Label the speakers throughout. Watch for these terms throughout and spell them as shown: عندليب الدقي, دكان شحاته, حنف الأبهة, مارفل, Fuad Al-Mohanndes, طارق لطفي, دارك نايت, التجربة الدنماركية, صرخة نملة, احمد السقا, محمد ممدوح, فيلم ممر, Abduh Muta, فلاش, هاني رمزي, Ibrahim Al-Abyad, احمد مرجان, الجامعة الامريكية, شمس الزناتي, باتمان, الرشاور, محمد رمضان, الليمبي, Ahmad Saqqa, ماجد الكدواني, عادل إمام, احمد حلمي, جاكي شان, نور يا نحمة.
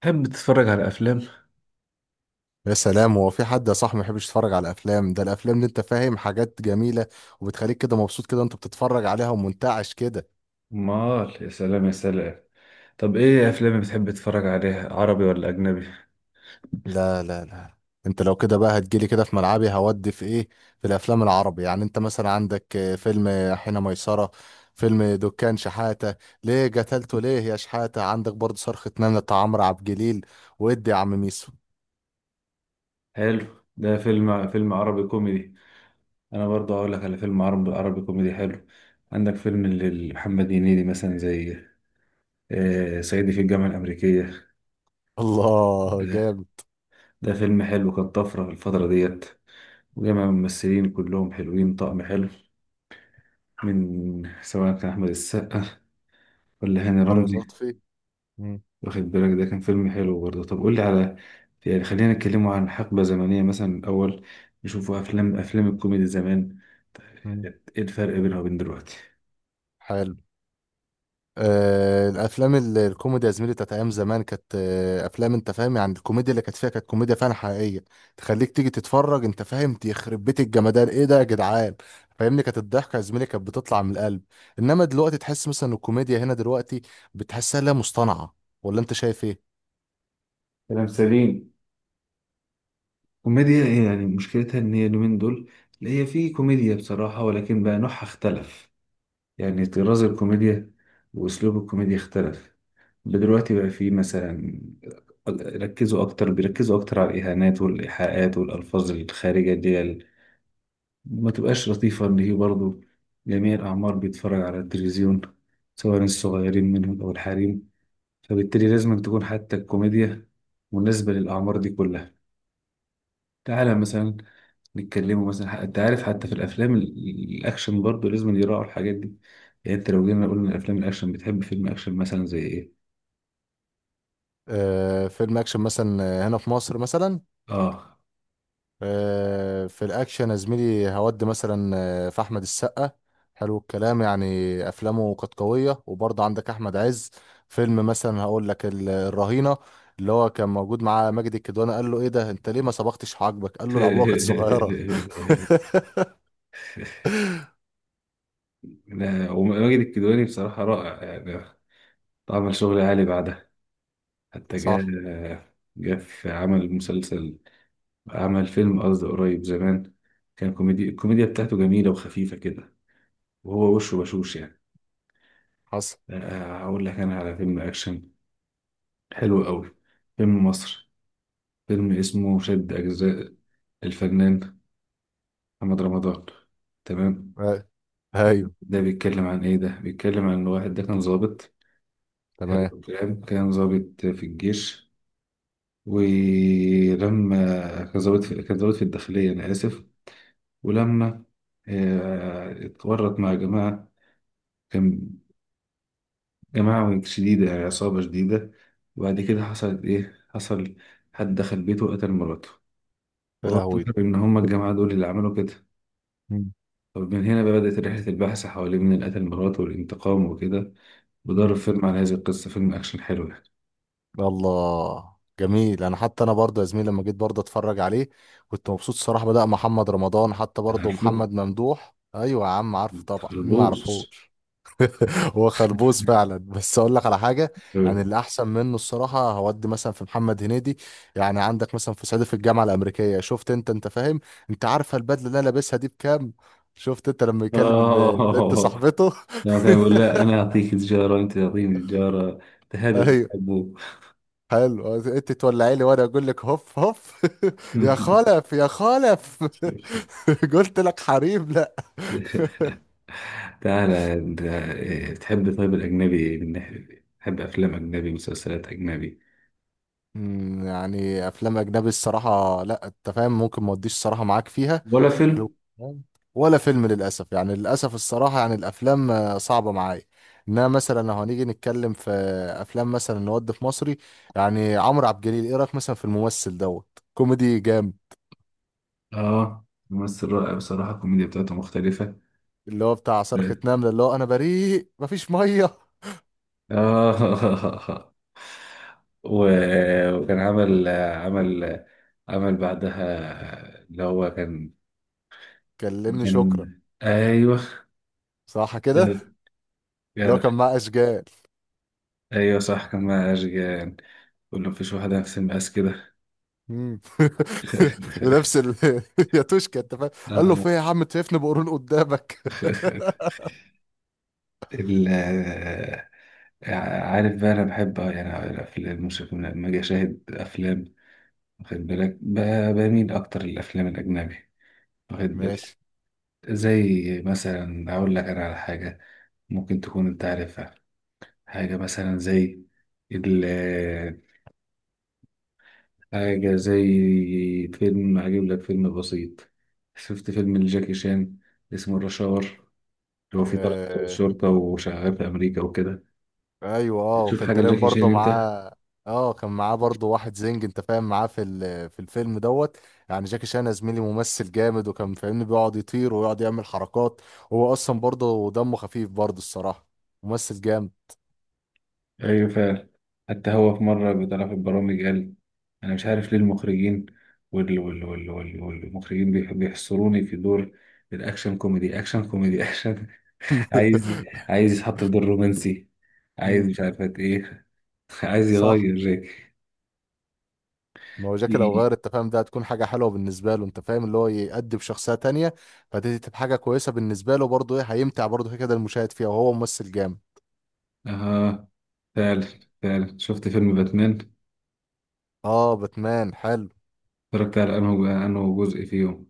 Speaker 1: تحب تتفرج على أفلام؟
Speaker 2: يا سلام، هو في حد يا صاحبي ما يحبش يتفرج على الافلام؟ ده الافلام اللي انت فاهم حاجات جميله، وبتخليك كده مبسوط كده، انت بتتفرج عليها ومنتعش كده.
Speaker 1: مال، يا سلام، يا سلام. طب، ايه افلام بتحب تتفرج عليها، عربي ولا اجنبي؟
Speaker 2: لا لا لا. انت لو كده بقى هتجيلي كده في ملعبي، هودي في ايه؟ في الافلام العربي، يعني انت مثلا عندك فيلم حين ميسره، فيلم دكان شحاته. ليه قتلته ليه يا شحاته؟ عندك برضه صرخه نمله بتاع عمرو عبد الجليل. وادي يا عم ميسو.
Speaker 1: حلو، ده فيلم عربي كوميدي. انا برضه هقول لك على فيلم عربي عربي كوميدي حلو. عندك فيلم لمحمد هنيدي مثلا، زي صعيدي في الجامعه الامريكيه.
Speaker 2: الله،
Speaker 1: ده,
Speaker 2: جامد!
Speaker 1: ده فيلم حلو، كان طفره في الفتره ديت. وجمع ممثلين كلهم حلوين، طقم حلو، من سواء كان احمد السقا ولا هاني
Speaker 2: طارق
Speaker 1: رمزي.
Speaker 2: لطفي. مم.
Speaker 1: واخد بالك، ده كان فيلم حلو برضه. طب قول لي على، يعني خلينا نتكلموا عن حقبة زمنية، مثلا الأول نشوفوا أفلام الكوميدي زمان،
Speaker 2: مم.
Speaker 1: كانت إيه الفرق بينها وبين دلوقتي؟
Speaker 2: حلو. الافلام الكوميدي يا زميلي بتاعت ايام زمان كانت افلام، انت فاهم، يعني الكوميديا اللي كانت فيها كانت كوميديا فعلا حقيقيه، تخليك تيجي تتفرج. انت فاهم، يخرب بيت الجمدان، ايه ده يا جدعان! فاهمني، كانت الضحكه يا زميلي كانت بتطلع من القلب. انما دلوقتي تحس مثلا إن الكوميديا هنا دلوقتي بتحسها، لا مصطنعه، ولا انت شايف ايه؟
Speaker 1: كلام سليم. كوميديا إيه يعني؟ مشكلتها إن هي اليومين دول، اللي هي في كوميديا بصراحة، ولكن بقى نوعها اختلف. يعني طراز الكوميديا وأسلوب الكوميديا اختلف. دلوقتي بقى في مثلا، ركزوا أكتر بيركزوا أكتر على الإهانات والإيحاءات والألفاظ الخارجة دي. ما تبقاش لطيفة، إن هي برضه جميع الأعمار بيتفرج على التلفزيون، سواء الصغيرين منهم أو الحريم. فبالتالي لازم تكون حتى الكوميديا مناسبة للأعمار دي كلها. تعالى مثلا نتكلموا، مثلا أنت عارف حتى في الأفلام الأكشن برضه لازم يراعوا الحاجات دي. يعني أنت لو جينا قلنا الأفلام الأكشن، بتحب فيلم أكشن مثلا زي إيه؟
Speaker 2: فيلم اكشن مثلا، هنا في مصر مثلا،
Speaker 1: آه.
Speaker 2: في الاكشن يا زميلي، هودي مثلا في احمد السقا. حلو الكلام يعني. افلامه كانت قويه، وبرضه عندك احمد عز، فيلم مثلا هقول لك الرهينه، اللي هو كان موجود معاه ماجد الكدواني، قال له ايه ده؟ انت ليه ما صبغتش حاجبك؟ قال له العبوه كانت صغيره.
Speaker 1: لا، وماجد الكدواني بصراحة رائع يعني، عمل شغل عالي بعدها، حتى جاء
Speaker 2: صح.
Speaker 1: جاء في عمل مسلسل، عمل فيلم قصدي قريب زمان، كان كوميدي، الكوميديا بتاعته جميلة وخفيفة كده، وهو وشه بشوش يعني.
Speaker 2: حصل.
Speaker 1: هقول لك أنا على فيلم أكشن حلو قوي، فيلم مصر، فيلم اسمه شد أجزاء، الفنان محمد رمضان. تمام.
Speaker 2: آه، ايوه.
Speaker 1: ده بيتكلم عن إيه؟ ده بيتكلم عن واحد، ده كان ضابط، حلو
Speaker 2: تمام.
Speaker 1: الكلام، كان ضابط في الجيش، ولما كان ضابط في الداخلية، أنا آسف، ولما اتورط مع جماعة، كان جماعة شديدة يعني، عصابة شديدة. وبعد كده حصلت إيه؟ حصل حد دخل بيته وقتل مراته،
Speaker 2: يا
Speaker 1: وهو
Speaker 2: لهوي.
Speaker 1: افتكر إن هما الجماعة دول اللي عملوا كده. طب من هنا بقى بدأت رحلة البحث حوالين من اللي قتل مراته والانتقام وكده. وده فيلم على هذه القصة، فيلم أكشن حلو يعني.
Speaker 2: الله، جميل. انا حتى انا برضه يا زميلي لما جيت برضه اتفرج عليه كنت مبسوط الصراحه. بدأ محمد رمضان، حتى برضه
Speaker 1: عارفه؟
Speaker 2: محمد ممدوح. ايوه يا عم عارفه، طبعا مين ما
Speaker 1: متخربوش.
Speaker 2: يعرفوش. هو خربوس فعلا، بس اقول لك على حاجه. يعني اللي احسن منه الصراحه، هودي مثلا في محمد هنيدي. يعني عندك مثلا في صعيدي في الجامعه الامريكيه، شفت انت، انت فاهم، انت عارفه البدله اللي انا لابسها دي بكام؟ شفت انت لما يكلم البنت
Speaker 1: آه،
Speaker 2: صاحبته.
Speaker 1: لما كان بيقول لا أنا أعطيك تجارة وأنت تعطيني تجارة، تهادوا،
Speaker 2: ايوه. حلو. انت تولعي لي وانا اقول لك هف هف. يا
Speaker 1: تحبوا.
Speaker 2: خلف يا خلف. قلت لك حريم لا.
Speaker 1: تعالى، انت إيه، بتحب طيب الأجنبي إيه؟ من ناحية إيه؟ بتحب أفلام أجنبي، مسلسلات أجنبي،
Speaker 2: يعني افلام اجنبي الصراحه، لا انت فاهم، ممكن ما اوديش الصراحه معاك فيها.
Speaker 1: ولا فيلم؟
Speaker 2: حلو الكلام. ولا فيلم للاسف، يعني للاسف الصراحه، يعني الافلام صعبه معايا انها. مثلا لو هنيجي نتكلم في افلام، مثلا نود في مصري، يعني عمرو عبد الجليل ايه رايك مثلا في الممثل دوت؟ كوميدي جامد،
Speaker 1: آه، ممثل رائع بصراحة، الكوميديا بتاعته مختلفة.
Speaker 2: اللي هو بتاع صرخة نملة، اللي هو انا بريء مفيش ميه.
Speaker 1: آه. و- وكان عمل عمل بعدها، اللي هو كان
Speaker 2: كلمني
Speaker 1: كان
Speaker 2: شكرا.
Speaker 1: أيوه،
Speaker 2: صح كده.
Speaker 1: جدع،
Speaker 2: اللي هو
Speaker 1: جدع.
Speaker 2: كان معاه اشجال.
Speaker 1: أيوه صح، كان مع أشجان، كل ما فيش واحد نفس المقاس كده.
Speaker 2: مم. ونفس ال... يا توشكا، انت فاهم، قال له
Speaker 1: آه.
Speaker 2: في إيه يا عم؟ أنت شايفني بقرون قدامك؟
Speaker 1: ال عارف بقى، انا بحب، يعني في الموسيقى لما اجي اشاهد افلام، واخد بالك، بميل اكتر للافلام الاجنبي، واخد بالك.
Speaker 2: ماشي.
Speaker 1: زي مثلا اقول لك انا على حاجه، ممكن تكون انت عارفها، حاجه مثلا زي، ال حاجه زي فيلم، اجيب لك فيلم بسيط. شفت فيلم لجاكي شان اسمه الرشاور، اللي هو فيه طلعت ضابط
Speaker 2: آه...
Speaker 1: شرطه وشغال في امريكا وكده؟
Speaker 2: ايوه، اه،
Speaker 1: تشوف
Speaker 2: وكان
Speaker 1: حاجه
Speaker 2: تقريبا
Speaker 1: لجاكي
Speaker 2: برضه
Speaker 1: شان انت.
Speaker 2: معاه. اه كان معاه برضه واحد زنج، انت فاهم، معاه في الفيلم دوت. يعني جاكي شان يا زميلي ممثل جامد، وكان فاهمني بيقعد يطير ويقعد يعمل حركات. هو اصلا برضه دمه خفيف، برضه الصراحة، ممثل جامد.
Speaker 1: ايوه فعلا. حتى هو في مره بيطلع في البرامج قال: انا مش عارف ليه المخرجين، وال وال وال وال والمخرجين بيحصروني في دور الاكشن كوميدي اكشن كوميدي اكشن. عايز عايز يتحط في دور رومانسي، عايز
Speaker 2: مم.
Speaker 1: مش عارفة ايه، عايز
Speaker 2: صح.
Speaker 1: يغير.
Speaker 2: ما هو جاكي لو
Speaker 1: إيه.
Speaker 2: غير التفاهم ده هتكون حاجة حلوة بالنسبة له، انت فاهم، اللي هو يأدي بشخصية تانية. فدي تبقى حاجة كويسة بالنسبة له برضه، ايه، هيمتع برضه كده كده المشاهد فيها، وهو ممثل جامد.
Speaker 1: اه، فعلا فعلا. شفت فيلم باتمان؟
Speaker 2: اه باتمان حلو.
Speaker 1: اتفرجت على انه جزء فيهم.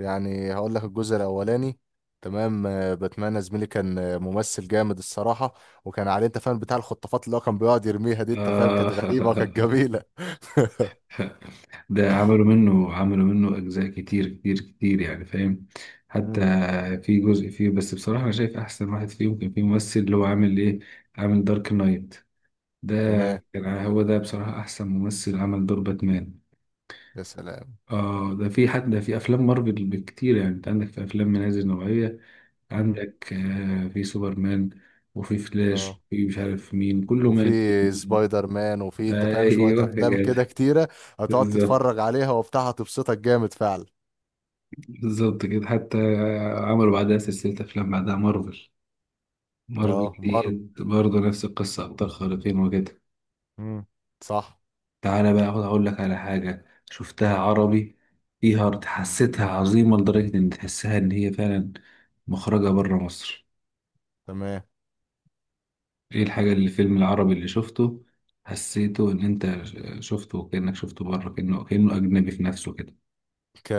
Speaker 2: يعني هقول لك الجزء الاولاني. تمام. باتمان يا زميلي كان ممثل جامد الصراحة. وكان عليه، انت فاهم، بتاع الخطافات، اللي هو كان بيقعد يرميها دي، انت فاهم،
Speaker 1: آه.
Speaker 2: كانت غريبة وكانت جميلة.
Speaker 1: ده عملوا منه أجزاء كتير كتير كتير يعني، فاهم؟ حتى
Speaker 2: مم.
Speaker 1: في جزء فيه، بس بصراحة أنا شايف أحسن واحد فيهم كان في ممثل اللي هو عامل إيه، عامل دارك نايت، ده
Speaker 2: تمام.
Speaker 1: كان هو ده بصراحة أحسن ممثل عمل دور باتمان.
Speaker 2: يا سلام.
Speaker 1: آه، ده في حد، ده في أفلام مارفل بكتير يعني. أنت عندك في أفلام من هذه النوعية،
Speaker 2: مم.
Speaker 1: عندك في سوبرمان، وفي
Speaker 2: اه.
Speaker 1: فلاش، وفي مش عارف مين، كله
Speaker 2: وفي
Speaker 1: مات.
Speaker 2: سبايدر مان، وفي، انت فاهم، شوية
Speaker 1: أيوه يا
Speaker 2: افلام
Speaker 1: جدع،
Speaker 2: كده كتيرة هتقعد
Speaker 1: بالظبط،
Speaker 2: تتفرج عليها وبتاع، هتبسطك جامد فعلا.
Speaker 1: بالظبط كده. حتى عملوا بعدها سلسلة أفلام، بعدها مارفل
Speaker 2: اه
Speaker 1: مارفل دي
Speaker 2: مر.
Speaker 1: برضه نفس القصة، أبطال خارقين وكده.
Speaker 2: امم. صح.
Speaker 1: تعالى بقى أقعد أقول لك على حاجة شفتها عربي، فيها حسيتها عظيمة لدرجة إن تحسها إن هي فعلا مخرجة برا مصر.
Speaker 2: تمام.
Speaker 1: إيه الحاجة، اللي الفيلم العربي اللي شفته حسيته إن أنت شفته كأنك شفته برا، كأنه أجنبي في نفسه كده؟
Speaker 2: ك...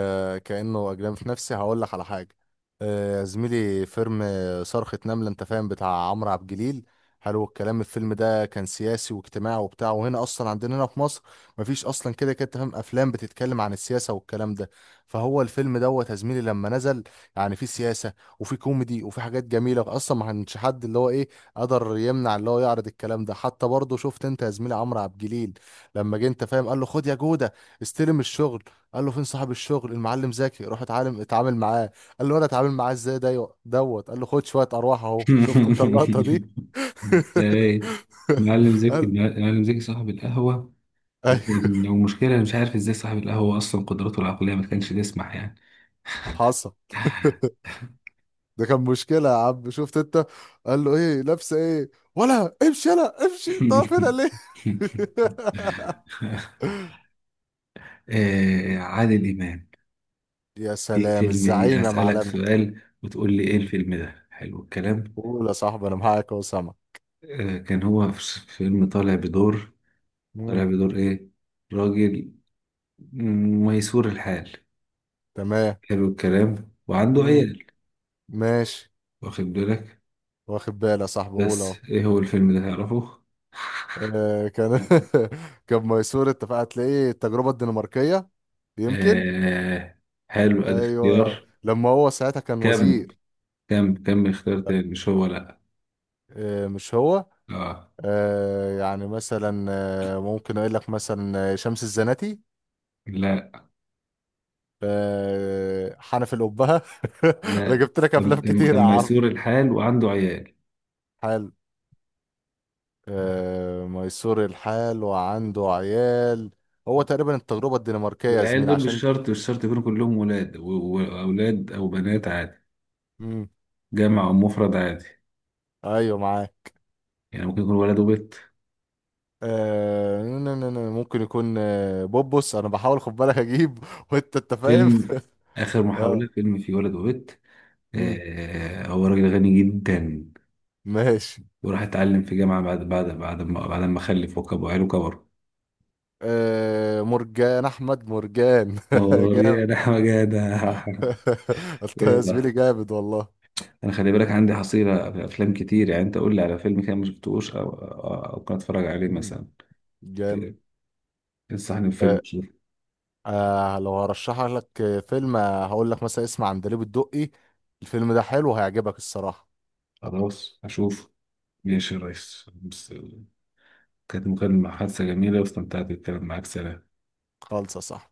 Speaker 2: كأنه أجنبي في نفسي، هقول لك على حاجة. يا زميلي فيلم صرخة نملة، أنت فاهم، بتاع عمرو عبد الجليل. حلو الكلام. الفيلم ده كان سياسي واجتماعي وبتاع، وهنا أصلا عندنا هنا في مصر مفيش أصلا كده كده، أنت فاهم، أفلام بتتكلم عن السياسة والكلام ده. فهو الفيلم دوت يا زميلي لما نزل، يعني فيه سياسة، وفيه كوميدي، وفيه حاجات جميلة. أصلا ما كانش حد اللي هو إيه، قدر يمنع اللي هو يعرض الكلام ده. حتى برضه شفت أنت يا زميلي عمرو عبد الجليل لما جه، أنت فاهم، قال له خد يا جودة، استلم الشغل. قال له فين صاحب الشغل المعلم زكي؟ روح اتعلم اتعامل معاه. قال له انا اتعامل معاه ازاي ده دوت؟ قال له خد شويه ارواح اهو. شفت انت اللقطه دي؟
Speaker 1: إيه. معلم زكي،
Speaker 2: قال
Speaker 1: معلم زكي صاحب القهوة،
Speaker 2: اي.
Speaker 1: ومشكلة، أنا مش عارف ازاي صاحب القهوة اصلا قدراته العقلية ما كانش تسمح يعني.
Speaker 2: حصل. ده كان مشكله يا عم، شفت انت. قال له ايه لابسه ايه؟ ولا امشي يلا امشي، طب هنا ليه؟
Speaker 1: عادل إمام
Speaker 2: يا
Speaker 1: في
Speaker 2: سلام
Speaker 1: فيلم إيه؟
Speaker 2: الزعيم يا
Speaker 1: أسألك
Speaker 2: معلمه.
Speaker 1: سؤال وتقول لي إيه
Speaker 2: مم.
Speaker 1: الفيلم، ده حلو الكلام.
Speaker 2: قول يا صاحبي، انا معاك اهو سامع.
Speaker 1: كان هو في فيلم طالع
Speaker 2: مم.
Speaker 1: بدور إيه؟ راجل، ميسور الحال،
Speaker 2: تمام.
Speaker 1: حلو الكلام، وعنده
Speaker 2: مم.
Speaker 1: عيال،
Speaker 2: ماشي.
Speaker 1: واخد بالك.
Speaker 2: واخد بالي يا صاحبي قول
Speaker 1: بس
Speaker 2: اهو.
Speaker 1: إيه هو الفيلم ده، تعرفه؟
Speaker 2: كان. كان ميسور، اتفق. هتلاقيه التجربة الدنماركية يمكن.
Speaker 1: آه، حلو، أدي
Speaker 2: ايوه.
Speaker 1: اختيار.
Speaker 2: لما هو ساعتها كان
Speaker 1: كمل.
Speaker 2: وزير.
Speaker 1: كم اختيار تاني؟ مش هو، لا.
Speaker 2: مش هو.
Speaker 1: اه،
Speaker 2: يعني مثلا، ممكن اقول لك مثلا شمس الزناتي،
Speaker 1: لا،
Speaker 2: حنف الأبهة. انا
Speaker 1: لا،
Speaker 2: جبت لك
Speaker 1: لما
Speaker 2: افلام
Speaker 1: كان
Speaker 2: كتير
Speaker 1: كان
Speaker 2: يا عم.
Speaker 1: ميسور الحال وعنده عيال،
Speaker 2: حلو. ميسور الحال وعنده عيال. هو تقريبا التجربة الدنماركية يا
Speaker 1: والعيال
Speaker 2: زميل
Speaker 1: دول مش
Speaker 2: عشان.
Speaker 1: شرط مش شرط يكونوا كلهم ولاد و- واولاد او بنات، عادي.
Speaker 2: مم.
Speaker 1: جمع او مفرد عادي،
Speaker 2: ايوه معاك.
Speaker 1: يعني ممكن يكون ولد وبنت.
Speaker 2: ممكن يكون بوبوس، انا بحاول خد بالك اجيب. وانت فاهم.
Speaker 1: فيلم اخر محاولة،
Speaker 2: اه.
Speaker 1: فيلم فيه ولد وبنت.
Speaker 2: مم،
Speaker 1: آه، هو راجل غني جدا،
Speaker 2: ماشي.
Speaker 1: وراح اتعلم في جامعة بعد ما خلف، وعياله كبروا.
Speaker 2: آه مرجان احمد مرجان.
Speaker 1: نور
Speaker 2: جامد.
Speaker 1: يا نحمة، جدع،
Speaker 2: انت يا
Speaker 1: جدع.
Speaker 2: زميلي جامد والله.
Speaker 1: انا خلي بالك عندي حصيله في افلام كتير يعني، انت قول لي على فيلم كده ما شفتوش، او او أو ممكن اتفرج عليه
Speaker 2: مم،
Speaker 1: مثلا.
Speaker 2: جامد.
Speaker 1: في- انصحني بفيلم،
Speaker 2: آه
Speaker 1: شوف.
Speaker 2: لو هرشح لك فيلم هقول لك مثلا، اسمع عندليب الدقي. الفيلم ده حلو هيعجبك الصراحة.
Speaker 1: خلاص اشوف، ماشي يا ريس. بس كانت مكالمة حادثة جميلة، واستمتعت بالكلام معاك، سلام.
Speaker 2: خالصة صح.